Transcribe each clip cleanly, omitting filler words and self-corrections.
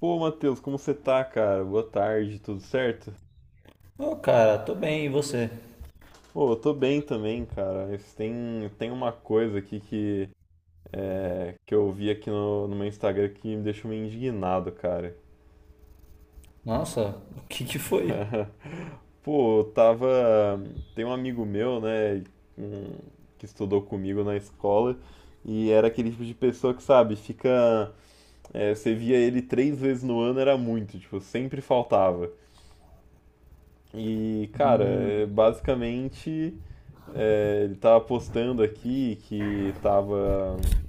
Pô, Matheus, como você tá, cara? Boa tarde, tudo certo? Ô, cara, tô bem, e você? Pô, eu tô bem também, cara. Mas tem uma coisa aqui que, que eu vi aqui no meu Instagram que me deixou meio indignado, cara. Nossa, o que que foi? Pô, eu tava. Tem um amigo meu, né, um- que estudou comigo na escola, e era aquele tipo de pessoa que, sabe, fica. Você via ele três vezes no ano, era muito, tipo, sempre faltava. E, cara, Hum. Basicamente. Ele tava postando aqui que tava,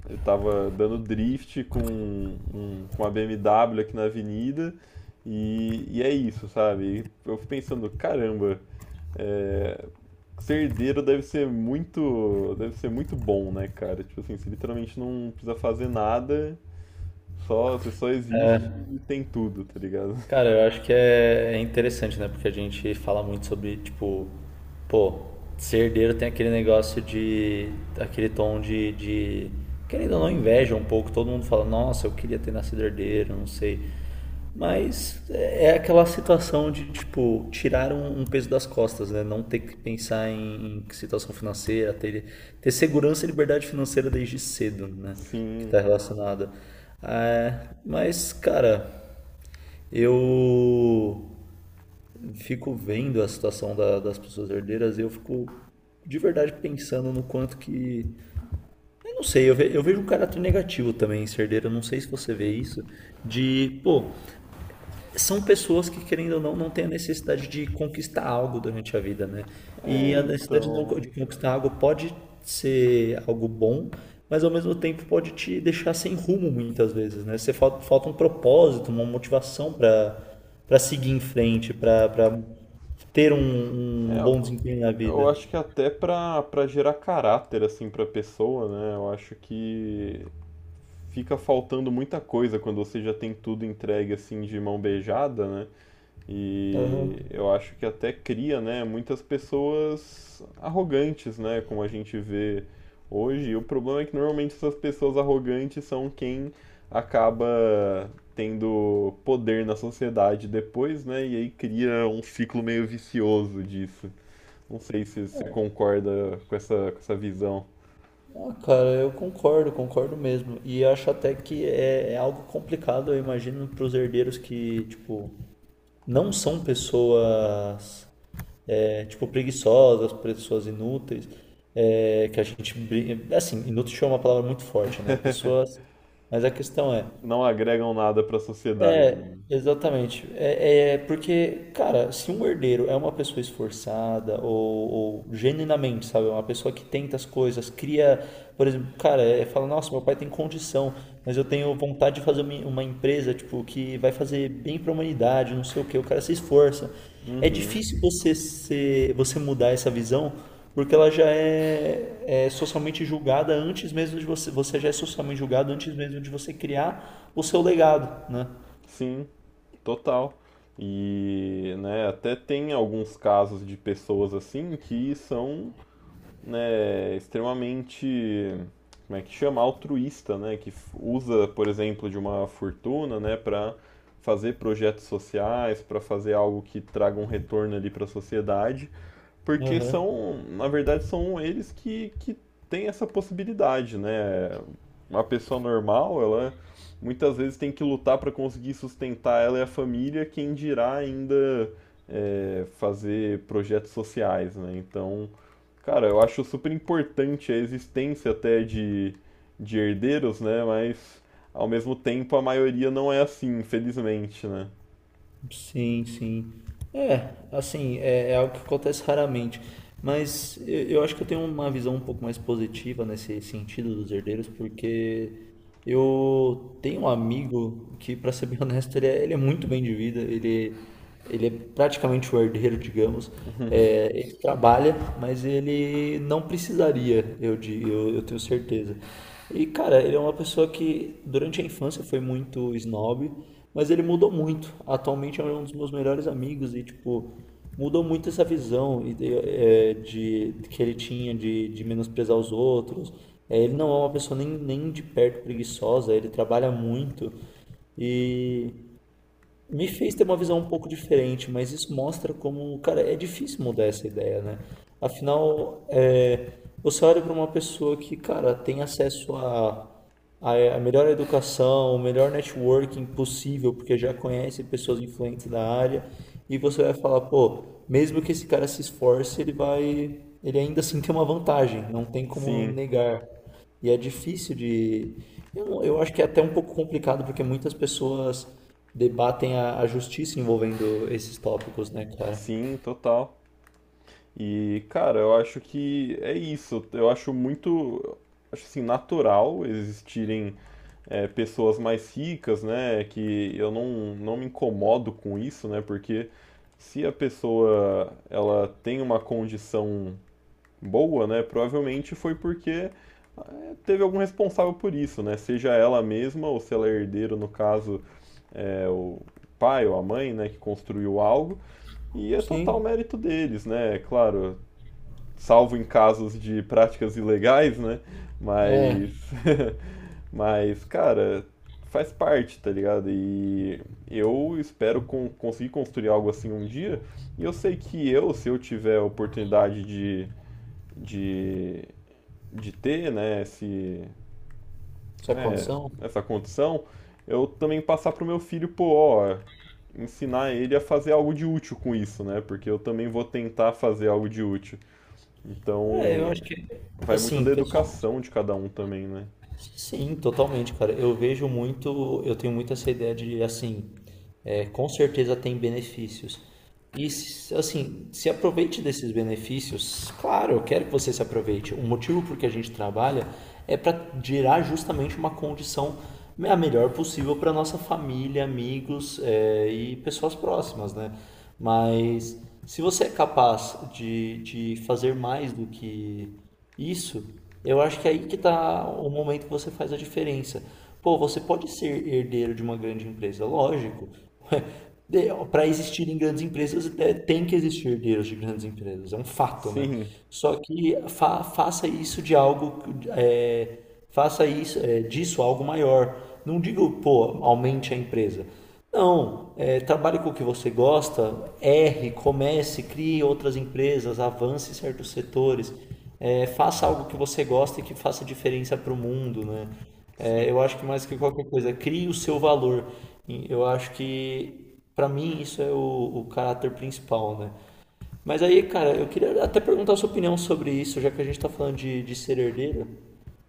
ele tava dando drift com uma BMW aqui na avenida e, é isso, sabe? E eu fico pensando, caramba, é, ser herdeiro deve ser muito bom, né, cara? Tipo assim, você literalmente não precisa fazer nada, só, você só existe e tem tudo, tá ligado? Cara, eu acho que é interessante, né? Porque a gente fala muito sobre, tipo, pô, ser herdeiro tem aquele negócio aquele tom de querendo ou não, inveja um pouco. Todo mundo fala, nossa, eu queria ter nascido herdeiro, não sei. Mas é aquela situação de, tipo, tirar um peso das costas, né? Não ter que pensar em situação financeira, ter, ter segurança e liberdade financeira desde cedo, né? Que Sim, tá relacionada. É, mas, cara, eu fico vendo a situação das pessoas herdeiras e eu fico de verdade pensando no quanto que. Eu não sei, eu vejo um caráter negativo também em ser herdeiro, eu não sei se você vê isso, de, pô, são pessoas que, querendo ou não, não têm a necessidade de conquistar algo durante a vida, né? E é, a necessidade de então... de conquistar algo pode ser algo bom, mas ao mesmo tempo pode te deixar sem rumo muitas vezes, né? Você falta, falta um propósito, uma motivação para seguir em frente, para ter É, um bom eu desempenho na eu vida. acho que até pra gerar caráter, assim, pra pessoa, né? Eu acho que fica faltando muita coisa quando você já tem tudo entregue, assim, de mão beijada, né? Aham. E eu acho que até cria, né, muitas pessoas arrogantes, né? Como a gente vê hoje. E o problema é que normalmente essas pessoas arrogantes são quem acaba tendo poder na sociedade depois, né? E aí cria um ciclo meio vicioso disso. Não sei se você concorda com essa visão. Ah, cara, eu concordo, concordo mesmo. E eu acho até que é algo complicado, eu imagino, para os herdeiros que, tipo, não são pessoas é, tipo preguiçosas, pessoas inúteis, é, que a gente assim, inútil é uma palavra muito forte, né? Pessoas, mas a questão é, Não agregam nada para a sociedade, é, né? exatamente. É, é porque, cara, se um herdeiro é uma pessoa esforçada ou genuinamente, sabe, uma pessoa que tenta as coisas, cria, por exemplo, cara, é fala, nossa, meu pai tem condição, mas eu tenho vontade de fazer uma empresa, tipo, que vai fazer bem para a humanidade, não sei o quê, o cara se esforça. É Uhum. difícil você ser, você mudar essa visão, porque ela é socialmente julgada antes mesmo de você, você já é socialmente julgado antes mesmo de você criar o seu legado, né? Sim, total. E, né, até tem alguns casos de pessoas assim que são, né, extremamente, como é que chama, altruísta, né, que usa, por exemplo, de uma fortuna, né, para fazer projetos sociais, para fazer algo que traga um retorno ali para a sociedade. Porque Aham. são, na verdade, são eles que têm essa possibilidade, né? Uma pessoa normal, ela muitas vezes tem que lutar para conseguir sustentar ela e a família, quem dirá ainda fazer projetos sociais, né? Então, cara, eu acho super importante a existência até de herdeiros, né? Mas, ao mesmo tempo, a maioria não é assim, infelizmente, né? Sim, sim. É, assim, é algo que acontece raramente. Eu acho que eu tenho uma visão um pouco mais positiva nesse sentido dos herdeiros, porque eu tenho um amigo que, para ser bem honesto, ele é muito bem de vida. Ele é praticamente o herdeiro, digamos. É, ele trabalha, mas ele não precisaria, eu tenho certeza. E, cara, ele é uma pessoa que durante a infância foi muito snob, mas ele mudou muito. Atualmente é um dos meus melhores amigos e, tipo, mudou muito essa visão e que ele tinha de menosprezar os outros. É, ele não é uma pessoa nem de perto preguiçosa, ele trabalha muito e me fez ter uma visão um pouco diferente, mas isso mostra como, cara, é difícil mudar essa ideia, né? Afinal, é, você olha para uma pessoa que, cara, tem acesso a melhor educação, o melhor networking possível, porque já conhece pessoas influentes da área, e você vai falar, pô, mesmo que esse cara se esforce, ele ainda assim tem uma vantagem, não tem como Sim, negar. E é difícil de, eu, não- eu acho que é até um pouco complicado porque muitas pessoas debatem a justiça envolvendo esses tópicos, né, cara? sim, total. E, cara, eu acho que é isso. Eu acho muito, acho assim, natural existirem pessoas mais ricas, né? Que eu não, não me incomodo com isso, né? Porque se a pessoa ela tem uma condição boa, né? Provavelmente foi porque teve algum responsável por isso, né? Seja ela mesma ou se ela é herdeiro, no caso, é o pai ou a mãe, né? Que construiu algo. E é total Sim, mérito deles, né? Claro, salvo em casos de práticas ilegais, né? é, Mas, mas, cara, faz parte, tá ligado? E eu espero conseguir construir algo assim um dia. E eu sei que eu, se eu tiver a oportunidade de, de ter, né, esse, essa né, condição. essa condição, eu também passar pro meu filho, pô, ó, ensinar ele a fazer algo de útil com isso, né? Porque eu também vou tentar fazer algo de útil. É, eu Então, acho que, vai muito assim, da pessoal, educação de cada um também, né? sim, totalmente, cara. Eu vejo muito, eu tenho muito essa ideia de, assim, é, com certeza tem benefícios. E assim, se aproveite desses benefícios. Claro, eu quero que você se aproveite. O motivo por que a gente trabalha é para gerar justamente uma condição a melhor possível para nossa família, amigos é, e pessoas próximas, né? Mas se você é capaz de fazer mais do que isso, eu acho que é aí que está o momento que você faz a diferença. Pô, você pode ser herdeiro de uma grande empresa, lógico. Para existirem grandes empresas, é, tem que existir herdeiros de grandes empresas, é um fato, né? Sim, Só que faça isso de algo, é, faça isso é, disso algo maior. Não diga, pô, aumente a empresa. Não, é, trabalhe com o que você gosta, erre, comece, crie outras empresas, avance certos setores, é, faça algo que você gosta e que faça diferença para o mundo, né? sim. É, eu acho que mais que qualquer coisa, crie o seu valor. E eu acho que pra mim, isso é o caráter principal, né? Mas aí, cara, eu queria até perguntar a sua opinião sobre isso, já que a gente tá falando de ser herdeiro.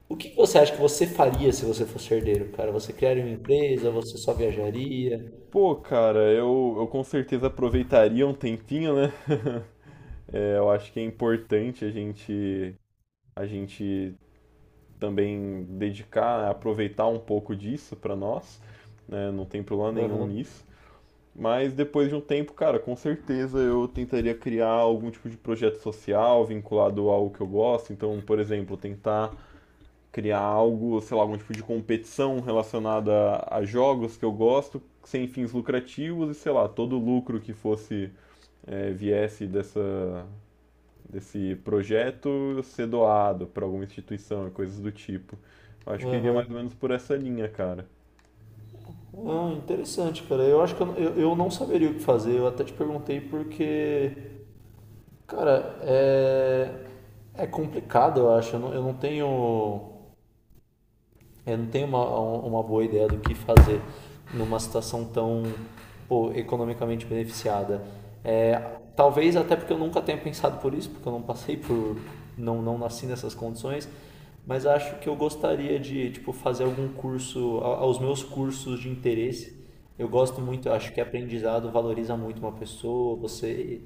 O que você acha que você faria se você fosse herdeiro, cara? Você criaria uma empresa? Você só viajaria? Pô, cara, eu com certeza aproveitaria um tempinho, né? É, eu acho que é importante a gente também dedicar, aproveitar um pouco disso pra nós, né? Não tem problema nenhum Aham, nisso. Mas depois de um tempo, cara, com certeza eu tentaria criar algum tipo de projeto social vinculado a algo que eu gosto. Então, por exemplo, tentar criar algo, sei lá, algum tipo de competição relacionada a, jogos que eu gosto, sem fins lucrativos e sei lá, todo lucro que fosse é, viesse dessa, desse projeto ser doado para alguma instituição e coisas do tipo. Eu acho que iria aham. mais ou menos por essa linha, cara. Ah, interessante, cara. Eu acho que eu não saberia o que fazer. Eu até te perguntei porque, cara, é, é complicado, eu acho. Eu não tenho uma, um, uma boa ideia do que fazer numa situação tão pô, economicamente beneficiada. É, talvez até porque eu nunca tenha pensado por isso, porque eu não passei por, não, não nasci nessas condições, mas acho que eu gostaria de tipo fazer algum curso, aos meus cursos de interesse. Eu gosto muito, eu acho que aprendizado valoriza muito uma pessoa. Você,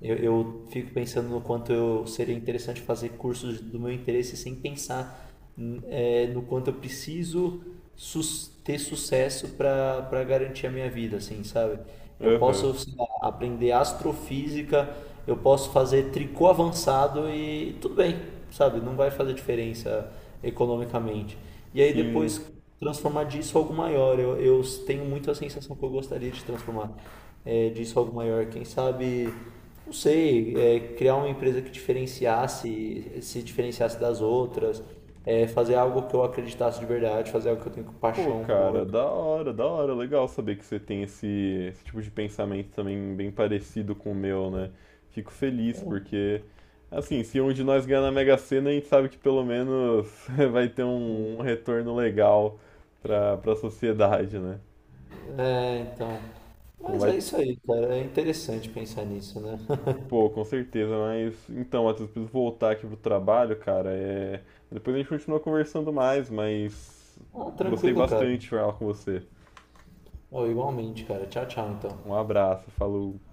eu fico pensando no quanto eu seria interessante fazer cursos do meu interesse sem pensar é, no quanto eu preciso ter sucesso para garantir a minha vida, assim, sabe? Eu Aham. posso, sei lá, aprender astrofísica, eu posso fazer tricô avançado e tudo bem, sabe? Não vai fazer diferença economicamente. E aí Sim. depois transformar disso em algo maior. Eu tenho muito a sensação que eu gostaria de transformar é, disso em algo maior. Quem sabe não sei, é, criar uma empresa que diferenciasse, se diferenciasse das outras, é, fazer algo que eu acreditasse de verdade, fazer algo que eu tenho Pô, paixão cara, por. da hora, da hora. Legal saber que você tem esse tipo de pensamento também bem parecido com o meu, né? Fico feliz porque, assim, se um de nós ganhar na Mega Sena, a gente sabe que pelo menos vai ter um, um retorno legal pra sociedade, né? É, então. Não Mas vai, é isso aí, cara. É interessante pensar nisso, né? pô, com certeza, mas então, Matheus, preciso voltar aqui pro trabalho, cara. É... Depois a gente continua conversando mais, mas Ah, gostei tranquilo, cara. bastante de falar com você. Ó, igualmente, cara. Tchau, tchau, então. Um abraço, falou.